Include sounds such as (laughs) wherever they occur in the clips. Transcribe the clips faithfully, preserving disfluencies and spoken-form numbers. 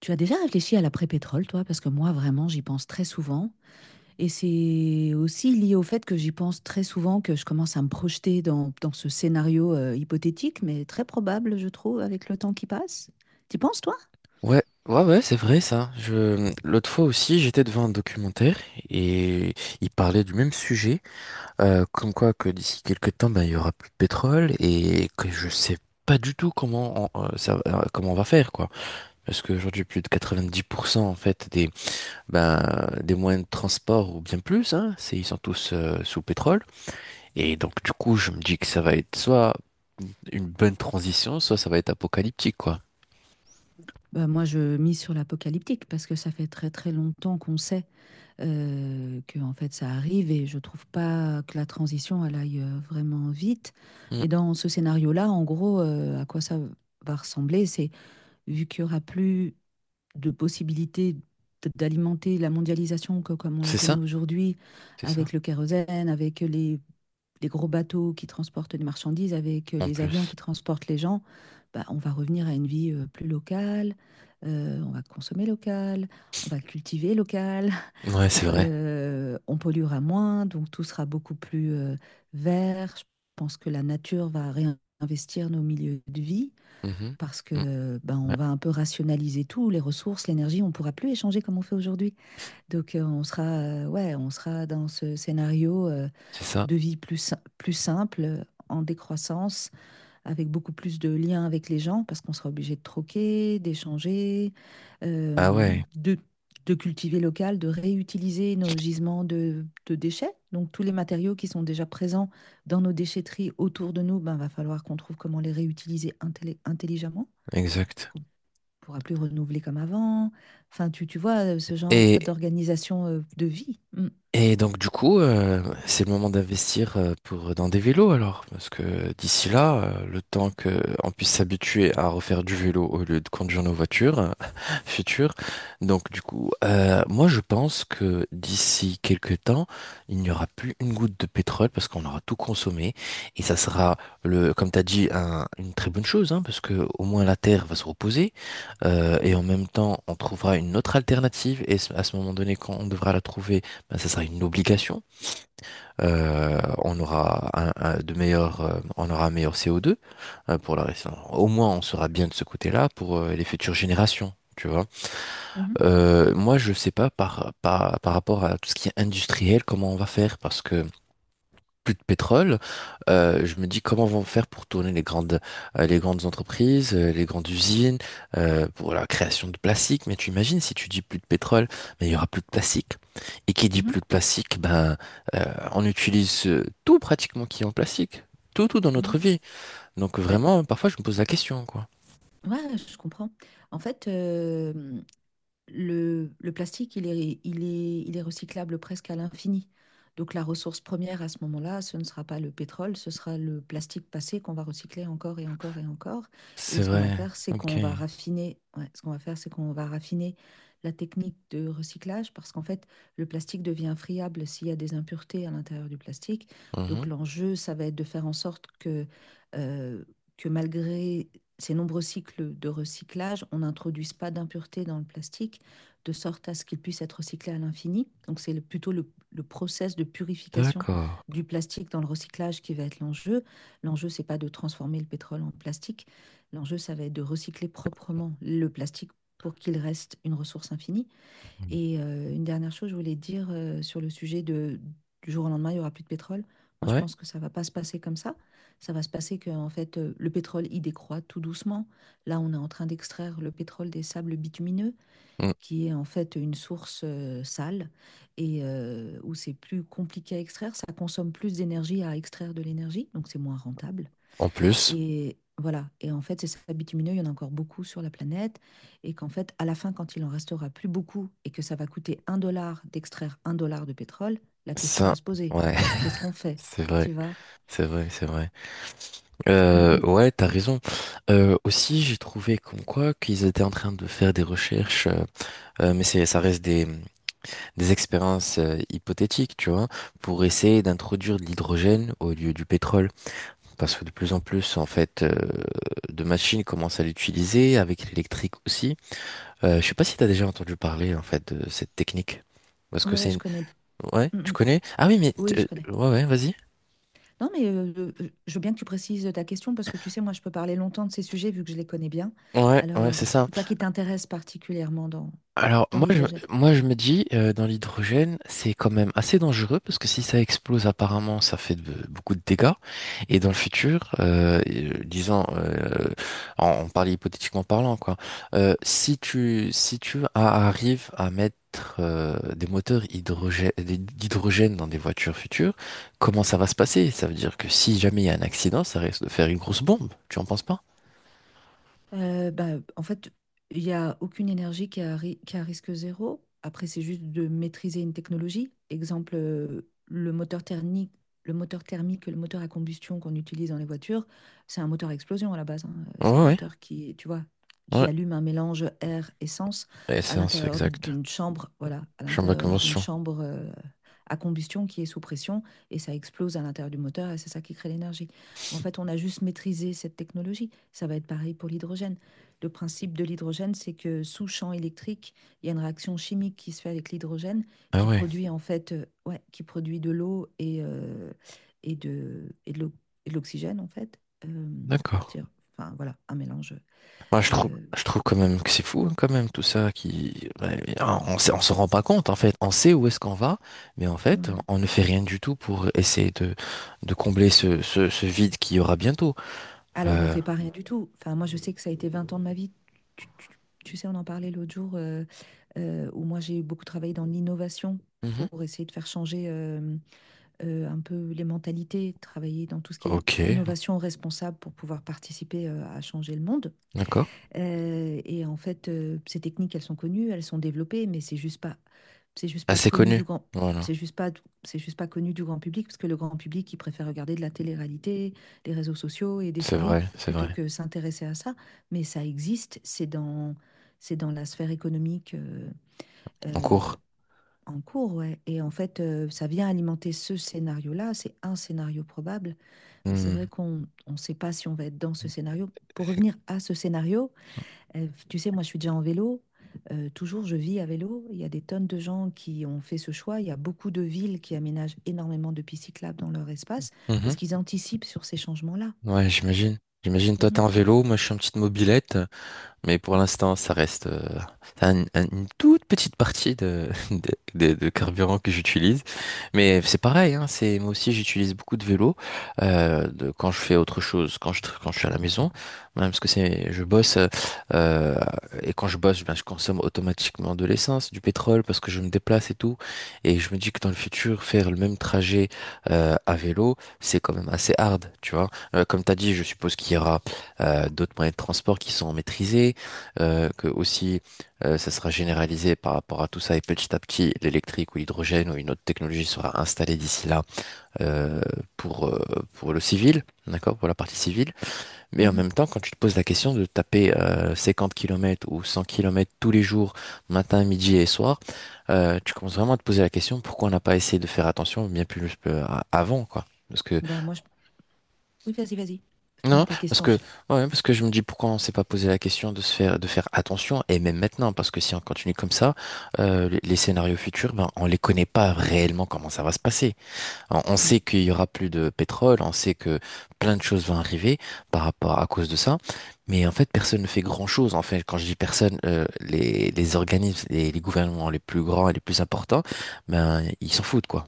Tu as déjà réfléchi à l'après-pétrole, toi? Parce que moi, vraiment, j'y pense très souvent. Et c'est aussi lié au fait que j'y pense très souvent, que je commence à me projeter dans, dans ce scénario euh, hypothétique, mais très probable, je trouve, avec le temps qui passe. T'y penses, toi? Ouais, ouais, ouais, c'est vrai ça. Je... L'autre fois aussi, j'étais devant un documentaire et il parlait du même sujet, euh, comme quoi que d'ici quelques temps, ben, il y aura plus de pétrole et que je sais pas du tout comment on, euh, ça, euh, comment on va faire quoi. Parce qu'aujourd'hui, plus de quatre-vingt-dix pour cent en fait des ben, des moyens de transport ou bien plus, hein, c'est ils sont tous euh, sous pétrole et donc du coup, je me dis que ça va être soit une bonne transition, soit ça va être apocalyptique quoi. Bah, moi, je mise sur l'apocalyptique parce que ça fait très très longtemps qu'on sait. euh, Que en fait ça arrive et je trouve pas que la transition elle aille, heu, vraiment vite. Mm. Mais dans ce scénario-là, en gros, heu, à quoi ça va ressembler, c'est vu qu'il y aura plus de possibilités d d'alimenter la mondialisation co comme on la C'est connaît ça, aujourd'hui, c'est ça. avec le kérosène, avec les les gros bateaux qui transportent des marchandises, avec En les avions plus. qui transportent les gens. Bah, on va revenir à une vie heu, plus locale, heu, on va consommer local, on va cultiver local, Ouais, c'est vrai. euh, on polluera moins, donc tout sera beaucoup plus euh, vert. Je pense que la nature va réinvestir nos milieux de vie Mhm. parce Mm, que ben, on ouais, va un peu rationaliser tout, les ressources, l'énergie, on ne pourra plus échanger comme on fait aujourd'hui. Donc euh, on sera, euh, ouais, on sera dans ce scénario euh, c'est ça. de vie plus, si- plus simple, en décroissance, avec beaucoup plus de liens avec les gens, parce qu'on sera obligé de troquer, d'échanger, Ah euh, ouais, de, de cultiver local, de réutiliser nos gisements de, de déchets. Donc tous les matériaux qui sont déjà présents dans nos déchetteries autour de nous, ben, va falloir qu'on trouve comment les réutiliser intelli- intelligemment, parce exact. qu'on ne pourra plus renouveler comme avant. Enfin, tu, tu vois, euh, ce genre Et, d'organisation euh, de vie. Mm. Et donc du coup, euh, c'est le moment d'investir euh, pour dans des vélos alors, parce que d'ici là, euh, le temps que on puisse s'habituer à refaire du vélo au lieu de conduire nos voitures euh, (laughs) futures. Donc du coup, euh, moi je pense que d'ici quelques temps, il n'y aura plus une goutte de pétrole parce qu'on aura tout consommé et ça sera le, comme t'as dit, un- une très bonne chose, hein, parce que au moins la Terre va se reposer euh, et en même temps, on trouvera une autre alternative et à ce moment donné, quand on devra la trouver ben, ça sera une obligation. Euh, on aura un, un- de meilleurs, euh, on aura un meilleur C O deux euh, pour la raison. Au moins, on sera bien de ce côté-là pour euh, les futures générations. Tu vois. Mhm, Euh, moi, je sais pas par, par, par rapport à tout ce qui est industriel, comment on va faire, parce que plus de pétrole, euh, je me dis comment vont faire pour tourner les grandes, euh, les grandes entreprises, euh, les grandes usines, euh, pour la création de plastique. Mais tu imagines si tu dis plus de pétrole, mais il y aura plus de plastique. Et qui dit mhm, plus de plastique, ben, euh, on utilise euh, tout pratiquement qui est en plastique, tout, tout dans notre mhm. vie. Donc Ben, vraiment, parfois je me pose la question, quoi. ouais, je comprends. En fait, euh, le, le plastique, il est, il est, il est recyclable presque à l'infini. Donc la ressource première à ce moment-là, ce ne sera pas le pétrole, ce sera le plastique passé qu'on va recycler encore et encore et encore. Et C'est ce qu'on va vrai. faire, c'est qu'on Ok. va raffiner, ouais, ce qu'on va faire, c'est qu'on va raffiner la technique de recyclage parce qu'en fait, le plastique devient friable s'il y a des impuretés à l'intérieur du plastique. Donc Mhm. l'enjeu, ça va être de faire en sorte que, euh, que malgré ces nombreux cycles de recyclage, on n'introduise pas d'impuretés dans le plastique de sorte à ce qu'il puisse être recyclé à l'infini. Donc c'est plutôt le, le process de purification D'accord. du plastique dans le recyclage qui va être l'enjeu. L'enjeu, c'est pas de transformer le pétrole en plastique. L'enjeu, ça va être de recycler proprement le plastique pour qu'il reste une ressource infinie. Mhm. Et euh, une dernière chose, je voulais dire euh, sur le sujet de, du jour au lendemain, il n'y aura plus de pétrole. Moi, je Ouais. pense que ça ne va pas se passer comme ça. Ça va se passer que, en fait, euh, le pétrole, il décroît tout doucement. Là, on est en train d'extraire le pétrole des sables bitumineux, Mm. qui est en fait une source euh, sale et euh, où c'est plus compliqué à extraire, ça consomme plus d'énergie à extraire de l'énergie, donc c'est moins rentable. En plus, Et voilà, et en fait, ces sables bitumineux, il y en a encore beaucoup sur la planète, et qu'en fait, à la fin, quand il en restera plus beaucoup et que ça va coûter un dollar d'extraire un dollar de pétrole, la question va ça, se poser. ouais, Qu'est-ce qu'on (laughs) fait? c'est vrai, Tu vois? c'est vrai, c'est vrai. Mm, Euh, mm. ouais, t'as raison. Euh, aussi, j'ai trouvé comme quoi qu'ils étaient en train de faire des recherches, euh, euh, mais c'est, ça reste des, des expériences euh, hypothétiques, tu vois, pour essayer d'introduire de l'hydrogène au lieu du pétrole, parce que de plus en plus, en fait, euh, de machines commencent à l'utiliser avec l'électrique aussi. Euh, je sais pas si t'as déjà entendu parler en fait de cette technique, parce que Ouais, c'est ouais, je une... connais. Ouais, Mm, tu mm. connais? Ah oui, mais Oui, t- je euh, connais. ouais, ouais, vas-y. Non, mais euh, euh, je veux bien que tu précises ta question parce que tu sais, moi, je peux parler longtemps de ces sujets vu que je les connais bien. Ouais, ouais, Alors, c'est ça. c'est quoi qui t'intéresse particulièrement dans, Alors dans moi je, l'hydrogène? moi je me dis euh, dans l'hydrogène c'est quand même assez dangereux parce que si ça explose apparemment ça fait de- beaucoup de dégâts et dans le futur euh, euh, disons euh, on, on parle hypothétiquement parlant quoi euh, si tu si tu a- arrives à mettre euh, des moteurs hydrogè- d'hydrogène dans des voitures futures comment ça va se passer? Ça veut dire que si jamais il y a un accident ça risque de faire une grosse bombe tu en penses pas? Euh, bah, en fait, il n'y a aucune énergie qui a, ri- qui a risque zéro. Après, c'est juste de maîtriser une technologie. Exemple, euh, le moteur thermique, le moteur thermique, le moteur à combustion qu'on utilise dans les voitures, c'est un moteur à explosion à la base. Hein. Euh, Ouais C'est un ouais moteur qui, tu vois, qui ouais allume un mélange air-essence et à ça c'est l'intérieur exact d'une chambre, voilà, à je suis en ma l'intérieur d'une convention chambre euh, à combustion, qui est sous pression, et ça explose à l'intérieur du moteur et c'est ça qui crée l'énergie. En fait, on a juste maîtrisé cette technologie. Ça va être pareil pour l'hydrogène. Le principe de l'hydrogène, c'est que sous champ électrique, il y a une réaction chimique qui se fait avec l'hydrogène, ah qui ouais. produit en fait, euh, ouais, qui produit de l'eau et, euh, et de, et de l'o- et de l'oxygène en fait, euh, à D'accord. partir, enfin voilà, un mélange. Moi, je trouve, euh, je trouve quand même que c'est fou, hein, quand même, tout ça qui, ouais, on ne on s'en rend pas compte, en fait. On sait où est-ce qu'on va, mais en fait, ouais. on ne fait rien du tout pour essayer de, de combler ce, ce, ce vide qu'il y aura bientôt. Alors on Euh, fait pas rien du tout. Enfin moi je sais que ça a été vingt ans de ma vie. Tu, tu- tu sais, on en parlait l'autre jour, euh, euh, où moi j'ai beaucoup travaillé dans l'innovation mhm. pour essayer de faire changer. euh, euh, un peu les mentalités, travailler dans tout ce qui est Ok, innovation responsable pour pouvoir participer euh, à changer le monde. d'accord. Euh, et en fait, euh, ces techniques, elles sont connues, elles sont développées, mais c'est juste pas, c'est juste pas Assez connu connu. du grand, Voilà. c'est juste pas, c'est juste pas connu du grand public, parce que le grand public, il préfère regarder de la télé-réalité, les réseaux sociaux et des C'est séries vrai, c'est plutôt vrai. que s'intéresser à ça. Mais ça existe, c'est dans, c'est dans la sphère économique. euh, En euh, cours. en cours, ouais. Et en fait, euh, ça vient alimenter ce scénario-là. C'est un scénario probable, mais c'est vrai Hmm. qu'on ne sait pas si on va être dans ce scénario. Pour revenir à ce scénario, euh, tu sais, moi, je suis déjà en vélo. Euh, toujours, je vis à vélo. Il y a des tonnes de gens qui ont fait ce choix. Il y a beaucoup de villes qui aménagent énormément de pistes cyclables dans leur espace parce Mhm. qu'ils anticipent sur ces changements-là. Ouais, j'imagine. J'imagine, toi, t'es Mhm. en vélo, moi, je suis en petite mobilette. Mais pour l'instant, ça reste euh, un- un- une toute petite partie de, (laughs) de, de- de carburant que j'utilise. Mais c'est pareil, hein, c'est, moi aussi j'utilise beaucoup de vélo euh, de, quand je fais autre chose, quand je, tra- quand je suis à la maison, même parce que c'est, je bosse euh, euh, et quand je bosse, ben, je consomme automatiquement de l'essence, du pétrole parce que je me déplace et tout. Et je me dis que dans le futur, faire le même trajet euh, à vélo, c'est quand même assez hard, tu vois. Euh, comme tu as dit, je suppose qu'il y aura euh, d'autres moyens de transport qui sont maîtrisés euh, que aussi euh, ça sera généralisé par rapport à tout ça et petit à petit l'électrique ou l'hydrogène ou une autre technologie sera installée d'ici là euh, pour, euh, pour le civil, d'accord, pour la partie civile. Mais en même Mhm. temps, quand tu te poses la question de taper euh, cinquante kilomètres ou cent kilomètres tous les jours, matin, midi et soir, euh, tu commences vraiment à te poser la question pourquoi on n'a pas essayé de faire attention bien plus euh, à- avant, quoi. Parce que Bah, moi, je... Oui, vas-y, vas-y. Finis non, ta parce question. que, je- ouais, parce que je me dis pourquoi on s'est pas posé la question de se faire, de faire attention, et même maintenant, parce que si on continue comme ça, euh, les, les scénarios futurs, ben, on les connaît pas réellement comment ça va se passer. On, on Mmh. sait qu'il y aura plus de pétrole, on sait que plein de choses vont arriver par rapport à cause de ça, mais en fait, personne ne fait grand-chose. En fait, quand je dis personne, euh, les, les organismes, les, les gouvernements les plus grands et les plus importants, ben, ils s'en foutent, quoi.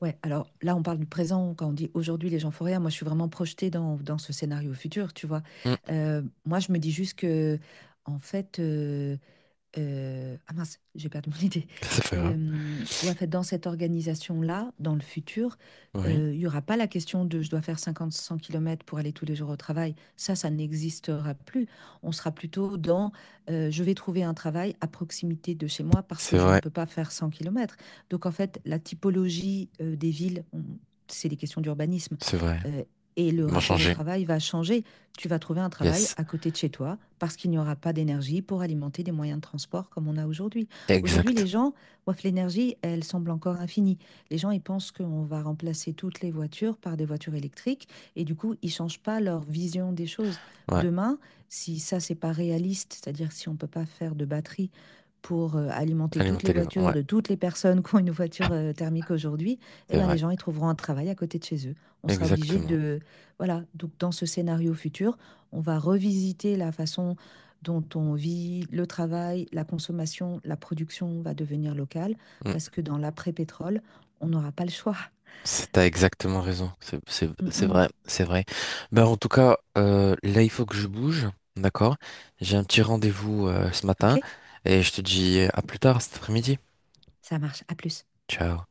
Ouais, alors là, on parle du présent, quand on dit aujourd'hui les gens font rien, moi je suis vraiment projetée dans, dans ce scénario futur, tu vois. Mm. Euh, moi, je me dis juste que, en fait, euh, euh, ah mince, j'ai perdu mon (laughs) idée. Ça, c'est pas grave. Euh, ouais, en fait, dans cette organisation-là, dans le futur, Oui, euh, il n'y aura pas la question de je dois faire cinquante à cent km pour aller tous les jours au travail. Ça, ça n'existera plus. On sera plutôt dans, euh, je vais trouver un travail à proximité de chez moi parce que C'est je ne vrai, peux pas faire cent kilomètres. Donc, en fait, la typologie euh, des villes, on- c'est des questions d'urbanisme, c'est vrai. euh, et le Bon rapport au changer. travail va changer. Tu vas trouver un travail Yes. à côté de chez toi parce qu'il n'y aura pas d'énergie pour alimenter des moyens de transport comme on a aujourd'hui. Aujourd'hui, les Exact. gens, ouaf, l'énergie, elle semble encore infinie. Les gens, ils pensent qu'on va remplacer toutes les voitures par des voitures électriques et du coup, ils changent pas leur vision des choses. Ouais. Demain, si ça, c'est pas réaliste, c'est-à-dire si on peut pas faire de batterie pour euh, alimenter toutes les Alimenter les vents. voitures Ouais. de toutes les personnes qui ont une voiture euh, thermique aujourd'hui, eh C'est ben, les vrai. gens ils trouveront un travail à côté de chez eux. On sera obligé Exactement. de, voilà, donc dans ce scénario futur, on va revisiter la façon dont on vit, le travail, la consommation, la production va devenir locale, Mm. parce que dans l'après-pétrole, on n'aura pas le choix. C'est, t'as exactement raison. C'est, c'est, Mm, c'est mm. vrai. C'est vrai. Ben, en tout cas, euh, là, il faut que je bouge. D'accord? J'ai un petit rendez-vous, euh, ce Ok? matin. Et je te dis à plus tard cet après-midi. Ça marche, à plus. Ciao.